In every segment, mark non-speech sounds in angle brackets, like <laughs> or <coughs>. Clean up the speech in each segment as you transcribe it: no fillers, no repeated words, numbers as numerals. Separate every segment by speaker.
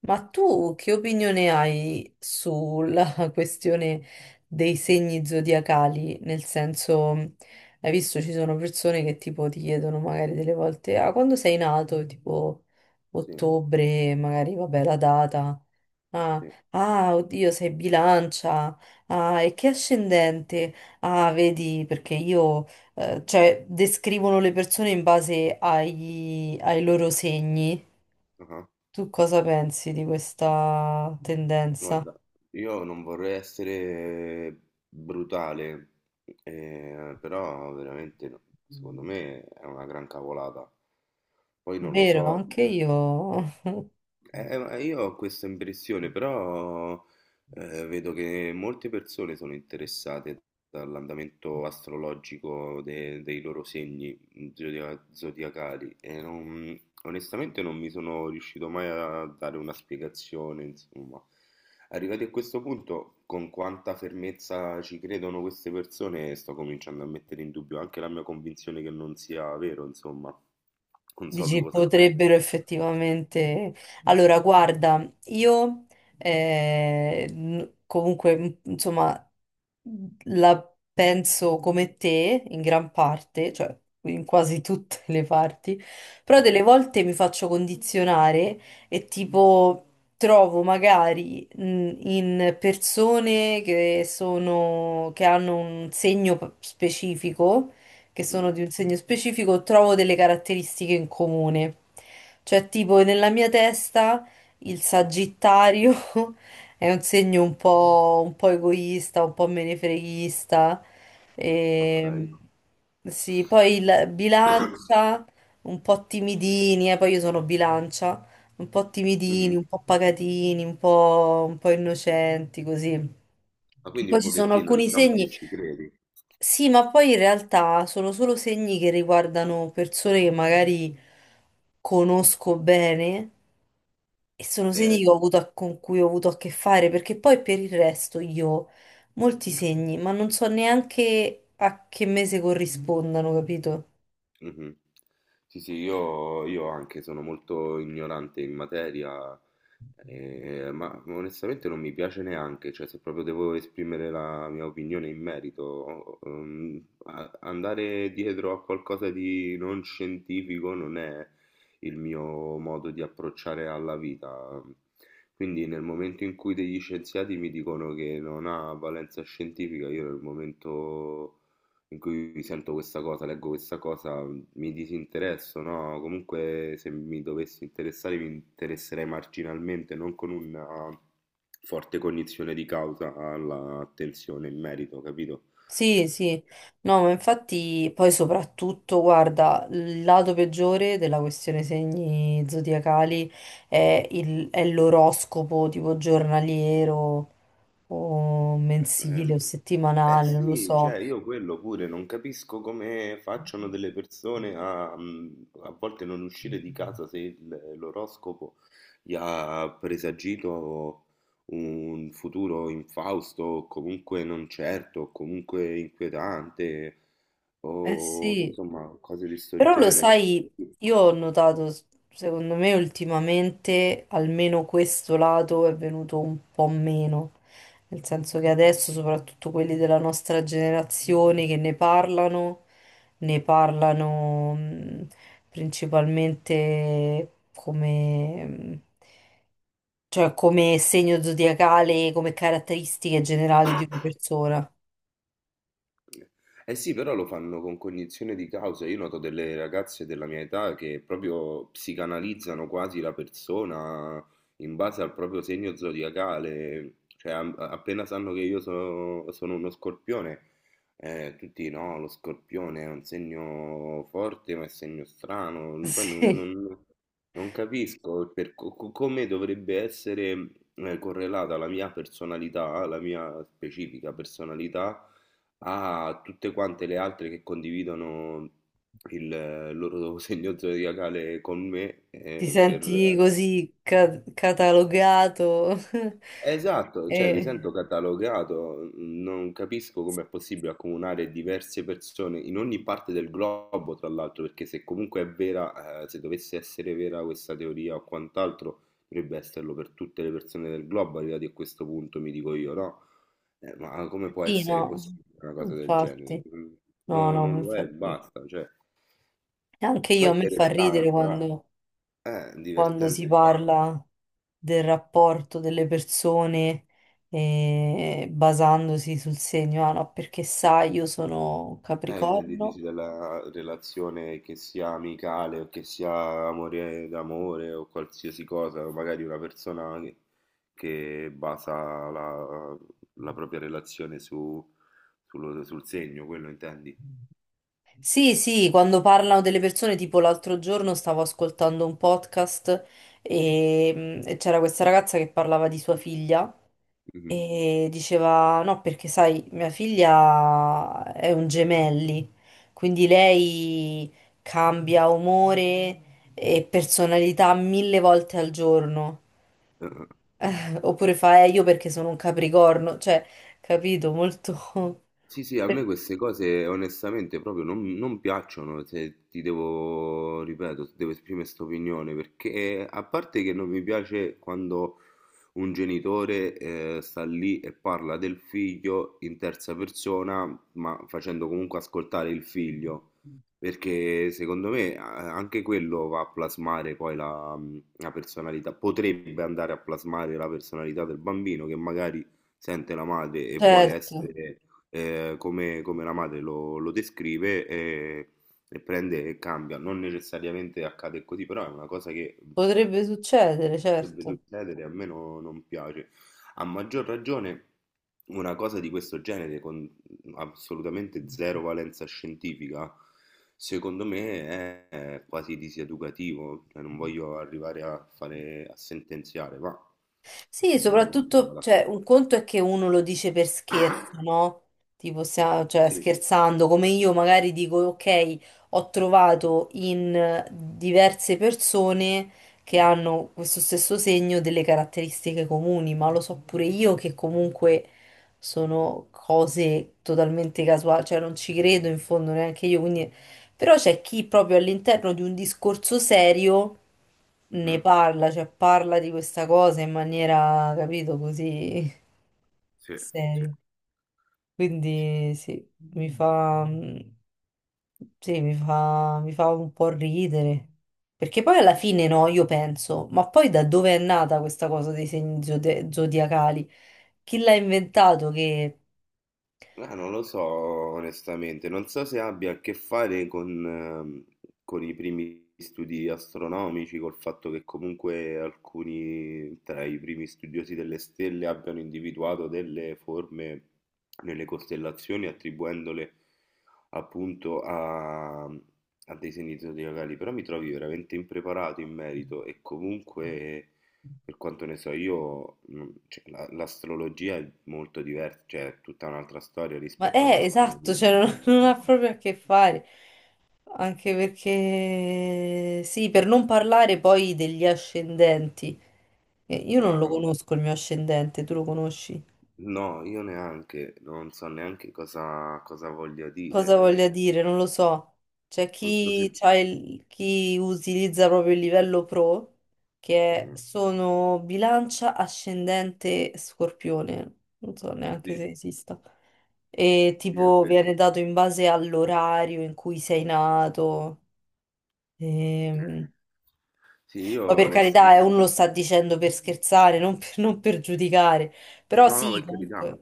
Speaker 1: Ma tu che opinione hai sulla <laughs> questione dei segni zodiacali? Nel senso, hai visto ci sono persone che tipo ti chiedono magari delle volte, ah, quando sei nato? Tipo
Speaker 2: Sì,
Speaker 1: ottobre, magari vabbè la data. Ah,
Speaker 2: sì.
Speaker 1: ah, oddio, sei bilancia. Ah, e che ascendente? Ah, vedi, perché io descrivono le persone in base ai loro segni.
Speaker 2: Ah-ah.
Speaker 1: Tu cosa pensi di questa tendenza?
Speaker 2: Guarda, io non vorrei essere brutale, però veramente secondo me è una gran cavolata. Poi non lo
Speaker 1: Vero,
Speaker 2: so.
Speaker 1: anche io.
Speaker 2: Ma io ho questa impressione, però vedo che molte persone sono interessate dall'andamento
Speaker 1: <laughs>
Speaker 2: astrologico dei loro segni zodiacali e onestamente non mi sono riuscito mai a dare una spiegazione, insomma. Arrivati a questo punto, con quanta fermezza ci credono queste persone, sto cominciando a mettere in dubbio anche la mia convinzione che non sia vero, insomma. Non so tu
Speaker 1: Dici,
Speaker 2: cosa ne pensi.
Speaker 1: potrebbero effettivamente... Allora, guarda, io eh, n- comunque, m- insomma, la penso come te in gran parte, cioè in quasi tutte le parti, però delle
Speaker 2: Mhm,
Speaker 1: volte mi faccio condizionare e tipo trovo magari in persone che sono, che hanno un segno p- specifico che
Speaker 2: mhm.
Speaker 1: sono di un segno specifico, trovo delle caratteristiche in comune. Cioè, tipo, nella mia testa il Sagittario <laughs> è un segno un po' egoista, un po' menefreghista.
Speaker 2: Okay.
Speaker 1: E, sì, poi il
Speaker 2: <coughs>
Speaker 1: bilancia, un po' timidini, poi io sono bilancia, un po' timidini,
Speaker 2: Mh-mh.
Speaker 1: un po' pacatini, un po' innocenti, così.
Speaker 2: Ma quindi
Speaker 1: Poi
Speaker 2: un
Speaker 1: ci sono
Speaker 2: pochettino
Speaker 1: alcuni
Speaker 2: diciamo che
Speaker 1: segni,
Speaker 2: ci credi.
Speaker 1: sì, ma poi in realtà sono solo segni che riguardano persone che magari conosco bene e sono segni
Speaker 2: E
Speaker 1: che ho avuto a che fare, perché poi per il resto io molti segni, ma non so neanche a che mese corrispondano, capito?
Speaker 2: mhm. Sì, sì, io anche sono molto ignorante in materia, ma onestamente non mi piace neanche, cioè se proprio devo esprimere la mia opinione in merito, andare dietro a qualcosa di non scientifico non è il mio modo di approcciare alla vita. Quindi nel momento in cui degli scienziati mi dicono che non ha valenza scientifica, io nel momento in cui sento questa cosa, leggo questa cosa, mi disinteresso, no? Comunque se mi dovessi interessare mi interesserei marginalmente, non con una forte cognizione di causa all'attenzione in merito, capito?
Speaker 1: Sì, sì, no, ma infatti poi soprattutto, guarda, il lato peggiore della questione segni zodiacali è
Speaker 2: Mhm.
Speaker 1: il- è l'oroscopo tipo giornaliero o mensile
Speaker 2: Ehm,
Speaker 1: o
Speaker 2: Eh
Speaker 1: settimanale, non lo
Speaker 2: sì, cioè
Speaker 1: so.
Speaker 2: io quello pure non capisco come facciano delle persone a, a volte non uscire di casa se l'oroscopo gli ha presagito un futuro infausto, o comunque non certo, o comunque inquietante,
Speaker 1: Eh
Speaker 2: o
Speaker 1: sì.
Speaker 2: insomma cose di sto
Speaker 1: Però lo
Speaker 2: genere.
Speaker 1: sai, io ho notato, s- secondo me ultimamente almeno questo lato è venuto un po' meno, nel senso che adesso soprattutto quelli della nostra generazione che ne parlano principalmente come cioè come segno zodiacale, come caratteristiche generali di una persona.
Speaker 2: Eh sì, però lo fanno con cognizione di causa. Io noto delle ragazze della mia età che proprio psicanalizzano quasi la persona in base al proprio segno zodiacale. Cioè, appena sanno che io sono uno scorpione, tutti no, lo scorpione è un segno forte, ma è segno
Speaker 1: <laughs>
Speaker 2: strano. Poi
Speaker 1: Sì.
Speaker 2: non capisco il come dovrebbe essere correlata la mia personalità, la mia specifica personalità a tutte quante le altre che condividono il loro segno zodiacale con me
Speaker 1: Ti
Speaker 2: per
Speaker 1: senti così catalogato? <laughs>
Speaker 2: esatto, cioè mi
Speaker 1: E...
Speaker 2: sento catalogato, non capisco come è possibile accomunare diverse persone in ogni parte del globo, tra l'altro, perché se comunque è vera, se dovesse essere vera questa teoria o quant'altro, dovrebbe esserlo per tutte le persone del globo, arrivati a questo punto, mi dico io, no? Ma come può
Speaker 1: Sì,
Speaker 2: essere
Speaker 1: no,
Speaker 2: possibile una cosa del genere?
Speaker 1: infatti. No, no, ma
Speaker 2: Non lo è,
Speaker 1: infatti.
Speaker 2: basta, cioè,
Speaker 1: Anche
Speaker 2: poi
Speaker 1: io
Speaker 2: è
Speaker 1: a me fa ridere
Speaker 2: interessante, va,
Speaker 1: quando,
Speaker 2: è
Speaker 1: quando si
Speaker 2: divertente, va.
Speaker 1: parla del rapporto delle persone basandosi sul segno. Ah, no, perché sai, io sono
Speaker 2: Intendi
Speaker 1: Capricorno.
Speaker 2: dici della relazione che sia amicale o che sia amore d'amore o qualsiasi cosa, o magari una persona che basa la, la propria relazione su, sul segno, quello intendi?
Speaker 1: Sì, sì, quando parlano delle persone, tipo l'altro giorno stavo ascoltando un podcast e, mm, e c'era questa ragazza che parlava di sua figlia
Speaker 2: Mhm.
Speaker 1: e diceva, no, perché sai, mia figlia è un gemelli, quindi lei cambia umore e personalità mille volte al giorno. <laughs> Oppure fa, io perché sono un capricorno, cioè, capito, molto... <laughs>
Speaker 2: Sì, sì, a me queste cose onestamente proprio non, non piacciono, se ti devo, ripeto, se devo esprimere questa opinione, perché a parte che non mi piace quando un genitore sta lì e parla del figlio in terza persona, ma facendo comunque ascoltare il figlio, perché secondo me anche quello va a plasmare poi la, la personalità, potrebbe andare a plasmare la personalità del bambino che magari sente la madre e vuole
Speaker 1: Certo,
Speaker 2: essere come, come la madre lo, lo descrive e prende e cambia. Non necessariamente accade così, però è una cosa che
Speaker 1: potrebbe succedere,
Speaker 2: potrebbe
Speaker 1: certo.
Speaker 2: succedere, a me non piace. A maggior ragione una cosa di questo genere con assolutamente zero valenza scientifica, secondo me è quasi diseducativo, cioè non voglio arrivare a fare a sentenziare, ma
Speaker 1: Sì,
Speaker 2: non sono
Speaker 1: soprattutto, cioè,
Speaker 2: d'accordo.
Speaker 1: un conto è che uno lo dice per scherzo, no? Tipo, cioè,
Speaker 2: Sì.
Speaker 1: scherzando, come io magari dico, ok, ho trovato in diverse persone che hanno questo stesso segno delle caratteristiche comuni, ma lo so pure io che comunque sono cose totalmente casuali, cioè non ci credo in fondo neanche io, quindi però c'è chi proprio all'interno di un discorso serio ne
Speaker 2: Mhm.
Speaker 1: parla, cioè parla di questa cosa in maniera, capito, così
Speaker 2: Sì,
Speaker 1: seria. Quindi sì, mi fa, mi fa un po' ridere. Perché poi alla
Speaker 2: sì.
Speaker 1: fine no, io penso, ma poi da dove è nata questa cosa dei segni zodiacali? Chi l'ha inventato che...
Speaker 2: Non lo so onestamente, non so se abbia a che fare con i primi studi astronomici, col fatto che comunque alcuni tra i primi studiosi delle stelle abbiano individuato delle forme nelle costellazioni attribuendole appunto a, a dei scenizzatori locali, però mi trovi veramente impreparato in merito e comunque per quanto ne so io, cioè, l'astrologia è molto diversa, cioè è tutta un'altra storia
Speaker 1: Ma
Speaker 2: rispetto all'astronomia,
Speaker 1: esatto, cioè non, <laughs>
Speaker 2: insomma.
Speaker 1: non ha proprio a che fare. Anche perché, sì, per non parlare poi degli ascendenti. Io non lo
Speaker 2: Bravo.
Speaker 1: conosco il mio ascendente, tu lo conosci?
Speaker 2: No, io neanche, non so neanche cosa, cosa voglia
Speaker 1: Cosa
Speaker 2: dire.
Speaker 1: voglia dire? Non lo so. C'è
Speaker 2: Non so se...
Speaker 1: chi, chi utilizza proprio il livello pro, che è-
Speaker 2: mm,
Speaker 1: sono bilancia, ascendente, scorpione. Non so neanche se
Speaker 2: sì,
Speaker 1: esista. E
Speaker 2: sì, è
Speaker 1: tipo
Speaker 2: vero.
Speaker 1: viene dato in base all'orario in cui sei nato. Ehm,
Speaker 2: Sì, io
Speaker 1: Poi per carità, uno lo
Speaker 2: onestamente...
Speaker 1: sta dicendo per scherzare, non per giudicare. Però
Speaker 2: No, no,
Speaker 1: sì,
Speaker 2: per carità.
Speaker 1: comunque.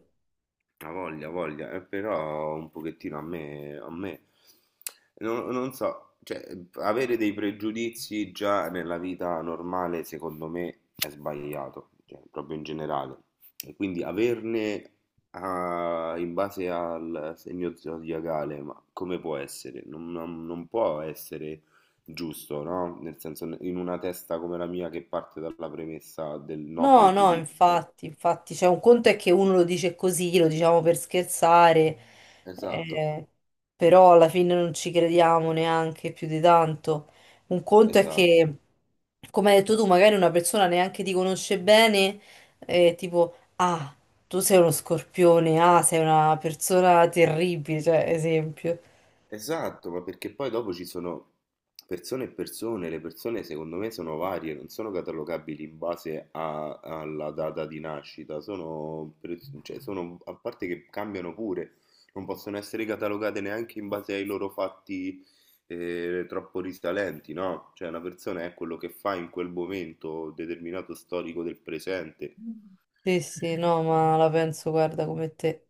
Speaker 2: Ha voglia, però un pochettino a me, non, non so, cioè, avere dei pregiudizi già nella vita normale, secondo me, è sbagliato, cioè, proprio in generale. E quindi averne ah, in base al segno zodiacale, ma come può essere? Non può essere giusto, no? Nel senso, in una testa come la mia che parte dalla premessa del no
Speaker 1: No, no,
Speaker 2: pregiudizio.
Speaker 1: infatti, infatti, cioè un conto è che uno lo dice così, lo diciamo per scherzare,
Speaker 2: Esatto,
Speaker 1: eh, però alla fine non ci crediamo neanche più di tanto. Un conto è
Speaker 2: esatto.
Speaker 1: che, come hai detto tu, magari una persona neanche ti conosce bene, tipo, ah, tu sei uno scorpione, ah, sei una persona terribile, cioè, esempio.
Speaker 2: Esatto, ma perché poi dopo ci sono persone e persone, le persone secondo me sono varie, non sono catalogabili in base alla data di nascita, sono, cioè, a parte che cambiano pure, non possono essere catalogate neanche in base ai loro fatti troppo risalenti, no? Cioè una persona è quello che fa in quel momento determinato storico del presente.
Speaker 1: Sì, sì, no, ma la penso, guarda, come te.